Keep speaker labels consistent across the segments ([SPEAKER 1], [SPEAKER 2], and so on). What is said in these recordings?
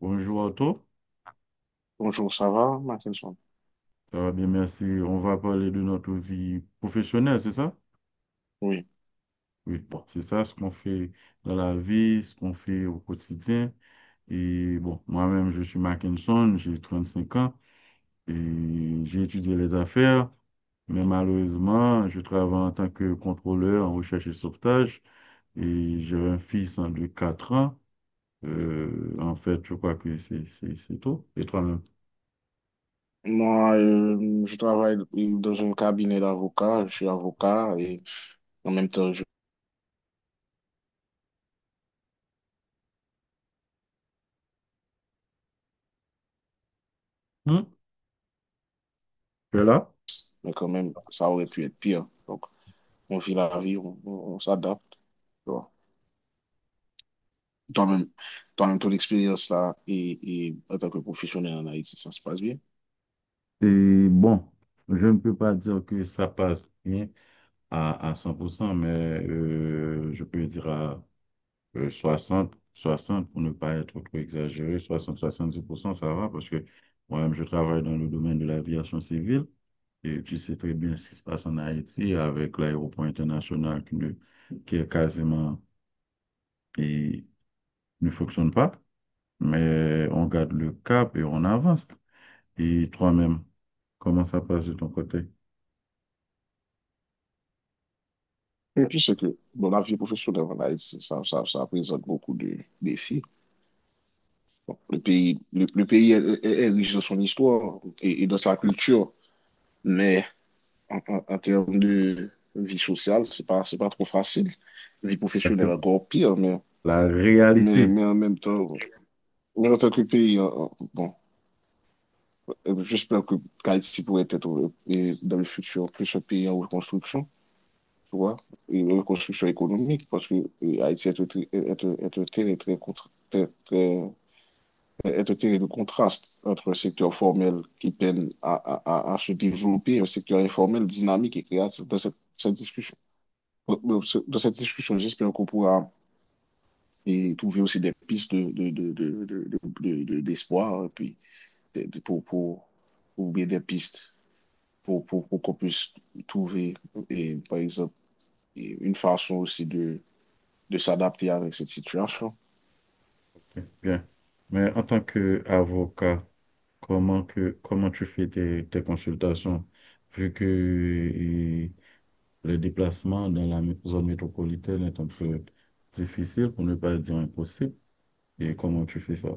[SPEAKER 1] Bonjour Otto,
[SPEAKER 2] Bonjour, ça va, Martinson?
[SPEAKER 1] ça va bien, merci. On va parler de notre vie professionnelle, c'est ça?
[SPEAKER 2] Oui.
[SPEAKER 1] Oui, bon, c'est ça ce qu'on fait dans la vie, ce qu'on fait au quotidien. Et bon, moi-même, je suis Mackinson, j'ai 35 ans et j'ai étudié les affaires, mais malheureusement, je travaille en tant que contrôleur en recherche et sauvetage et j'ai un fils en de 4 ans. En fait, je crois que c'est tout. Et toi-même?
[SPEAKER 2] Moi, je travaille dans un cabinet d'avocats. Je suis avocat et en même temps, je...
[SPEAKER 1] Hmm? Tu es là?
[SPEAKER 2] mais quand même, ça aurait pu être pire. Donc, on vit la vie, on s'adapte. Tu vois. Toi-même, toi-même, ton expérience là et en tant que professionnel en Haïti, ça se passe bien.
[SPEAKER 1] Et bon, je ne peux pas dire que ça passe bien à 100% mais je peux dire à 60 60 pour ne pas être trop exagéré, soixante soixante dix pour cent ça va parce que moi-même, je travaille dans le domaine de l'aviation civile et tu sais très bien ce qui se passe en Haïti avec l'aéroport international qui est quasiment et ne fonctionne pas, mais on garde le cap et on avance. Et toi-même, comment ça passe de ton côté?
[SPEAKER 2] Et puis, c'est que dans la vie professionnelle en Haïti, ça présente beaucoup de défis. Bon, le pays est riche dans son histoire et dans sa culture, mais en termes de vie sociale, c'est pas trop facile. Vie professionnelle,
[SPEAKER 1] Exactement.
[SPEAKER 2] encore pire,
[SPEAKER 1] La réalité.
[SPEAKER 2] mais en même temps, mais en tant que pays, bon, j'espère que Haïti pourrait être et dans le futur plus un pays en reconstruction, tu vois, et une reconstruction économique, parce que Haïti est un, tri- est un terrain très, contra- très, très- est un terrain de contraste entre un secteur formel qui peine à se développer et un secteur informel dynamique et créatif. Dans cette cette discussion, Bon, bon, ce- Dans cette discussion, j'espère qu'on pourra trouver aussi des pistes d'espoir, et puis des- des- pour, pour, ou bien des pistes pour qu'on puisse trouver, et, par exemple, et une façon aussi de s'adapter avec cette situation.
[SPEAKER 1] Ok, bien. Mais en tant qu'avocat, comment tu fais tes consultations, vu que le déplacement dans la zone métropolitaine est un peu difficile, pour ne pas dire impossible. Et comment tu fais ça?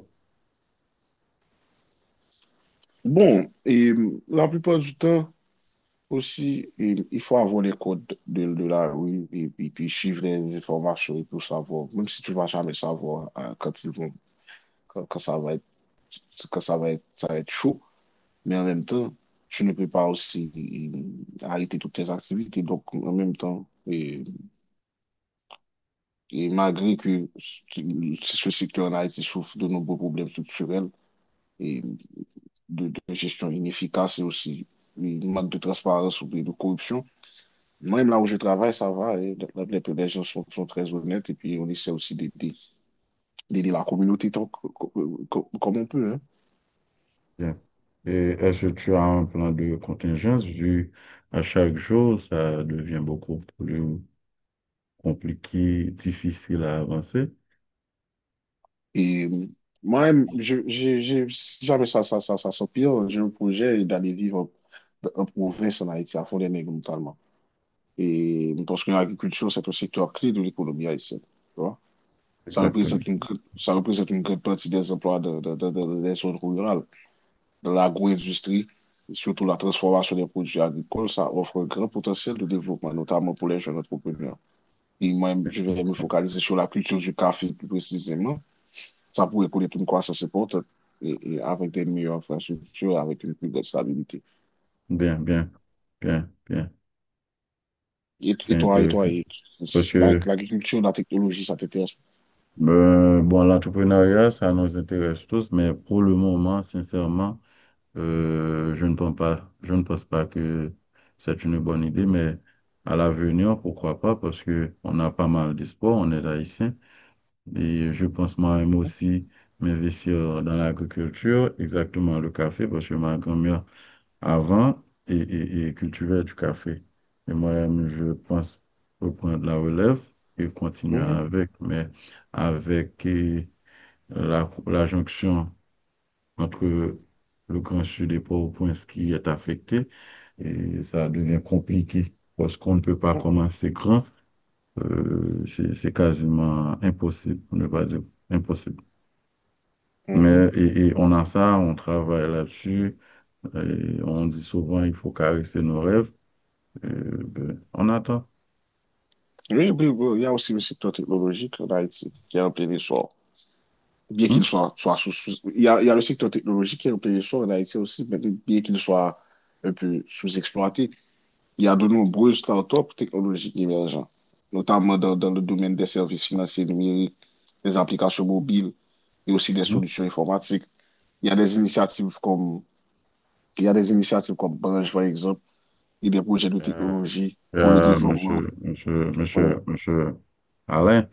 [SPEAKER 2] Bon, et la plupart du temps aussi, et, il faut avoir les codes de la rue et, puis suivre les informations et tout savoir, même si tu vas jamais savoir hein, quand ils vont, quand ça va être, quand ça va être chaud. Mais en même temps, tu ne peux pas aussi arrêter toutes tes activités. Donc, en même temps, et malgré que ce secteur en Haïti souffre de nombreux problèmes structurels et de gestion inefficace et aussi une manque de transparence ou de corruption, même là où je travaille, ça va. Et les gens sont très honnêtes et puis on essaie aussi d'aider la communauté tant que- comme on peut, hein.
[SPEAKER 1] Bien. Et est-ce que tu as un plan de contingence vu à chaque jour, ça devient beaucoup plus compliqué, difficile à avancer?
[SPEAKER 2] Et moi, si jamais ça s'empire, j'ai un projet d'aller vivre en province en Haïti, à Fort-des-Nègres notamment. Et parce que l'agriculture, c'est un secteur clé de l'économie haïtienne. Tu vois?
[SPEAKER 1] Exactement.
[SPEAKER 2] Ça représente une grande partie des emplois des zones rurales, de l'agro-industrie, surtout la transformation des produits agricoles, ça offre un grand potentiel de développement, notamment pour les jeunes entrepreneurs. Et moi, je vais me
[SPEAKER 1] Intéressant.
[SPEAKER 2] focaliser sur la culture du café plus précisément. Ça pourrait connaître une croissance importante et avec des meilleures infrastructures, avec une plus grande stabilité.
[SPEAKER 1] Bien, bien, bien, bien. C'est
[SPEAKER 2] Et toi,
[SPEAKER 1] intéressant. Parce que,
[SPEAKER 2] l'agriculture, la technologie, ça t'intéresse?
[SPEAKER 1] bon, l'entrepreneuriat, ça nous intéresse tous, mais pour le moment, sincèrement, je ne pense pas que c'est une bonne idée, mais à l'avenir, pourquoi pas, parce que on a pas mal d'espoir, on est haïtien. Et je pense moi-même aussi m'investir dans l'agriculture, exactement le café, parce que ma grand-mère avant et cultivait du café. Et moi-même, je pense reprendre la relève et continuer
[SPEAKER 2] Mhm,
[SPEAKER 1] avec, mais avec la jonction entre le Grand Sud et Port-au-Prince qui est affecté, et ça devient compliqué parce qu'on ne peut pas
[SPEAKER 2] mhm,
[SPEAKER 1] commencer grand. C'est quasiment impossible, pour ne pas dire impossible.
[SPEAKER 2] mhm.
[SPEAKER 1] Mais, et on a ça, on travaille là-dessus. Et on dit souvent, il faut caresser nos rêves. Et, ben, on attend.
[SPEAKER 2] Oui, il y a aussi le secteur technologique en Haïti qui est en plein essor. Bien qu'il
[SPEAKER 1] Hein?
[SPEAKER 2] soit, soit sous, sous- il y a le secteur technologique qui est en plein essor en Haïti aussi, mais bien qu'il soit un peu sous-exploité. Il y a de nombreuses startups technologiques émergentes, notamment dans le domaine des services financiers numériques, des applications mobiles et aussi des
[SPEAKER 1] Hein?
[SPEAKER 2] solutions informatiques. Il y a des initiatives comme, il y a des initiatives comme Branch, par exemple, et des projets de
[SPEAKER 1] Euh,
[SPEAKER 2] technologie pour le développement. Oui.
[SPEAKER 1] monsieur Alain,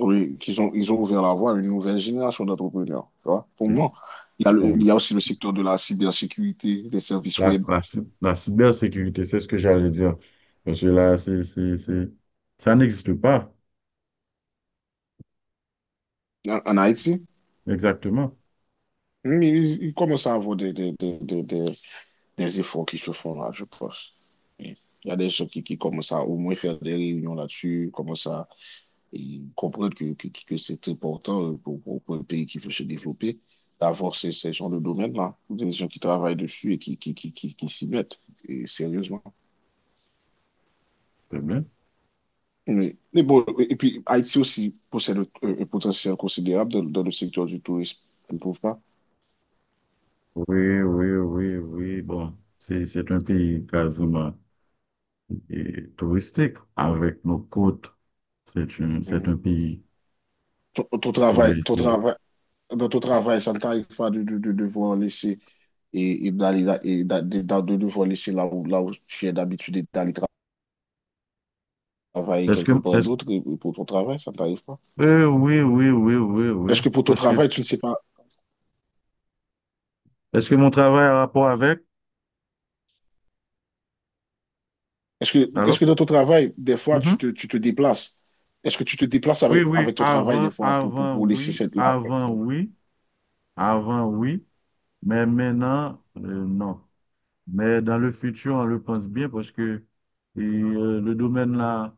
[SPEAKER 2] Oui, ils ont ouvert la voie à une nouvelle génération d'entrepreneurs. Tu vois. Pour
[SPEAKER 1] oui.
[SPEAKER 2] moi,
[SPEAKER 1] Oh,
[SPEAKER 2] il
[SPEAKER 1] oui.
[SPEAKER 2] y a aussi le secteur de la cybersécurité, des services web
[SPEAKER 1] La cybersécurité, c'est ce que j'allais dire. Parce que là, c'est, ça n'existe pas.
[SPEAKER 2] en, en Haïti.
[SPEAKER 1] Exactement.
[SPEAKER 2] Ils, ils commencent à avoir des, des, des- des efforts qui se font là, je pense. Et il y a des gens qui commencent à au moins faire des réunions là-dessus, commencent à et comprendre que c'est important pour un pays qui veut se développer d'avoir ces gens de domaine-là, des gens qui travaillent dessus et qui s'y mettent, et sérieusement.
[SPEAKER 1] C'est bien.
[SPEAKER 2] Mais bon, et puis Haïti aussi possède un potentiel considérable dans le secteur du tourisme, tu ne trouves pas?
[SPEAKER 1] Oui, oui, oui, oui. Bon, c'est un pays quasiment et touristique avec nos côtes. C'est un
[SPEAKER 2] Mhm.
[SPEAKER 1] pays, je pourrais
[SPEAKER 2] Ton
[SPEAKER 1] dire.
[SPEAKER 2] travail, dans ton travail, ça ne t'arrive pas de devoir laisser et d'aller là- et d'a- de devoir laisser là où tu es d'habitude travailler
[SPEAKER 1] Est-ce que,
[SPEAKER 2] quelque part
[SPEAKER 1] est-ce,
[SPEAKER 2] d'autre et pour ton travail, ça ne t'arrive pas.
[SPEAKER 1] oui, oui, oui, oui, oui. Oui.
[SPEAKER 2] Est-ce que pour ton
[SPEAKER 1] Parce que,
[SPEAKER 2] travail, tu ne sais pas,
[SPEAKER 1] est-ce que mon travail a rapport avec?
[SPEAKER 2] est-ce que
[SPEAKER 1] Alors?
[SPEAKER 2] dans ton travail, des fois,
[SPEAKER 1] Mhm.
[SPEAKER 2] tu te déplaces? Est-ce que tu te déplaces
[SPEAKER 1] Oui,
[SPEAKER 2] avec,
[SPEAKER 1] oui,
[SPEAKER 2] avec ton travail des
[SPEAKER 1] avant,
[SPEAKER 2] fois
[SPEAKER 1] avant,
[SPEAKER 2] pour laisser
[SPEAKER 1] oui,
[SPEAKER 2] cette là avec
[SPEAKER 1] avant,
[SPEAKER 2] toi?
[SPEAKER 1] oui, oui, mais maintenant, non. Mais dans le futur, on le pense bien parce que le domaine là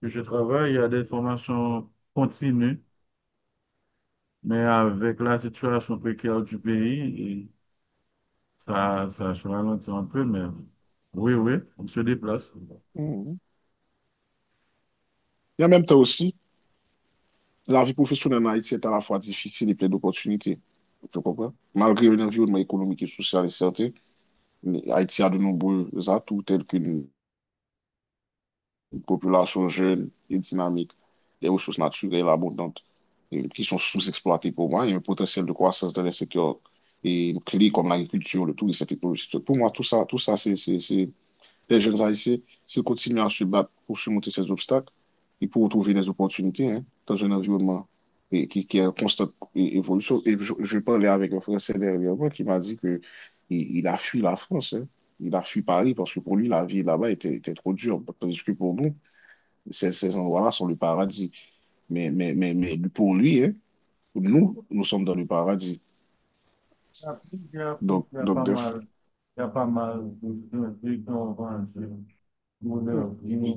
[SPEAKER 1] que je travaille, il y a des formations continues, mais avec la situation précaire du pays, ça ralentit un peu, mais oui, oui, on se déplace. Il
[SPEAKER 2] Mhm. Et en même temps aussi, la vie professionnelle en Haïti est à la fois difficile et pleine d'opportunités. Tu comprends? Malgré un environnement économique et social incertain, Haïti a de nombreux atouts tels qu'une population jeune et dynamique, des ressources naturelles abondantes qui sont sous-exploitées pour moi, et un potentiel de croissance dans les secteurs et clés comme l'agriculture, le tourisme, la technologie. Pour moi, tout ça, les jeunes Haïtiens, s'ils continuent à se battre pour surmonter ces obstacles, et pour trouver des opportunités hein, dans un environnement et, qui est en constante évolution. Et je parlais avec un Français dernièrement qui m'a dit que il a fui la France, hein. Il a fui Paris parce que pour lui, la vie là-bas était, était trop dure. Tandis que pour nous, ces endroits-là sont le paradis. Mais pour lui, hein, nous, nous sommes dans le paradis.
[SPEAKER 1] y a plusieurs prix,
[SPEAKER 2] Donc,
[SPEAKER 1] il y a
[SPEAKER 2] donc
[SPEAKER 1] pas
[SPEAKER 2] de-
[SPEAKER 1] mal, il y a pas mal de gens vendus pour leur bien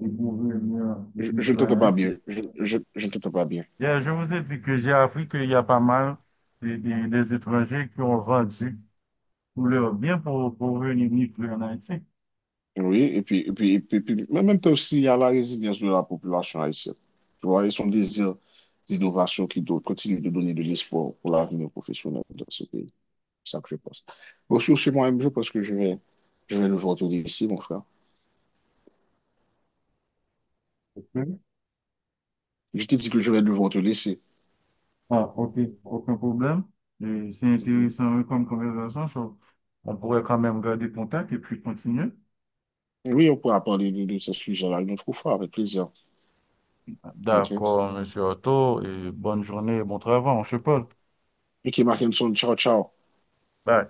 [SPEAKER 1] et pour venir
[SPEAKER 2] je ne t'entends
[SPEAKER 1] vivre
[SPEAKER 2] pas
[SPEAKER 1] ici.
[SPEAKER 2] bien. Je ne t'entends pas bien.
[SPEAKER 1] Bien, je vous ai dit que j'ai appris qu'il y a pas mal des étrangers qui ont vendu pour leur bien pour venir vivre en Haïti.
[SPEAKER 2] Oui, et puis, mais en même temps aussi, il y a la résilience de la population haïtienne. Tu vois, et son désir d'innovation qui doit, continue de donner de l'espoir pour l'avenir professionnel dans ce pays. C'est ça que je pense. Bon, sur ce, moi-même, je pense que je vais devoir te laisser, mon frère.
[SPEAKER 1] Ok.
[SPEAKER 2] Je t'ai dit que je vais devoir te laisser.
[SPEAKER 1] Ah, ok, aucun problème. Et c'est intéressant comme conversation. So, on pourrait quand même garder contact et puis continuer.
[SPEAKER 2] Oui, on pourra parler de ce sujet-là une autre fois, avec plaisir. OK?
[SPEAKER 1] D'accord, monsieur Otto, et bonne
[SPEAKER 2] Mhm.
[SPEAKER 1] journée et bon travail, on se parle.
[SPEAKER 2] Mickey Martinson, ciao, ciao.
[SPEAKER 1] Bye.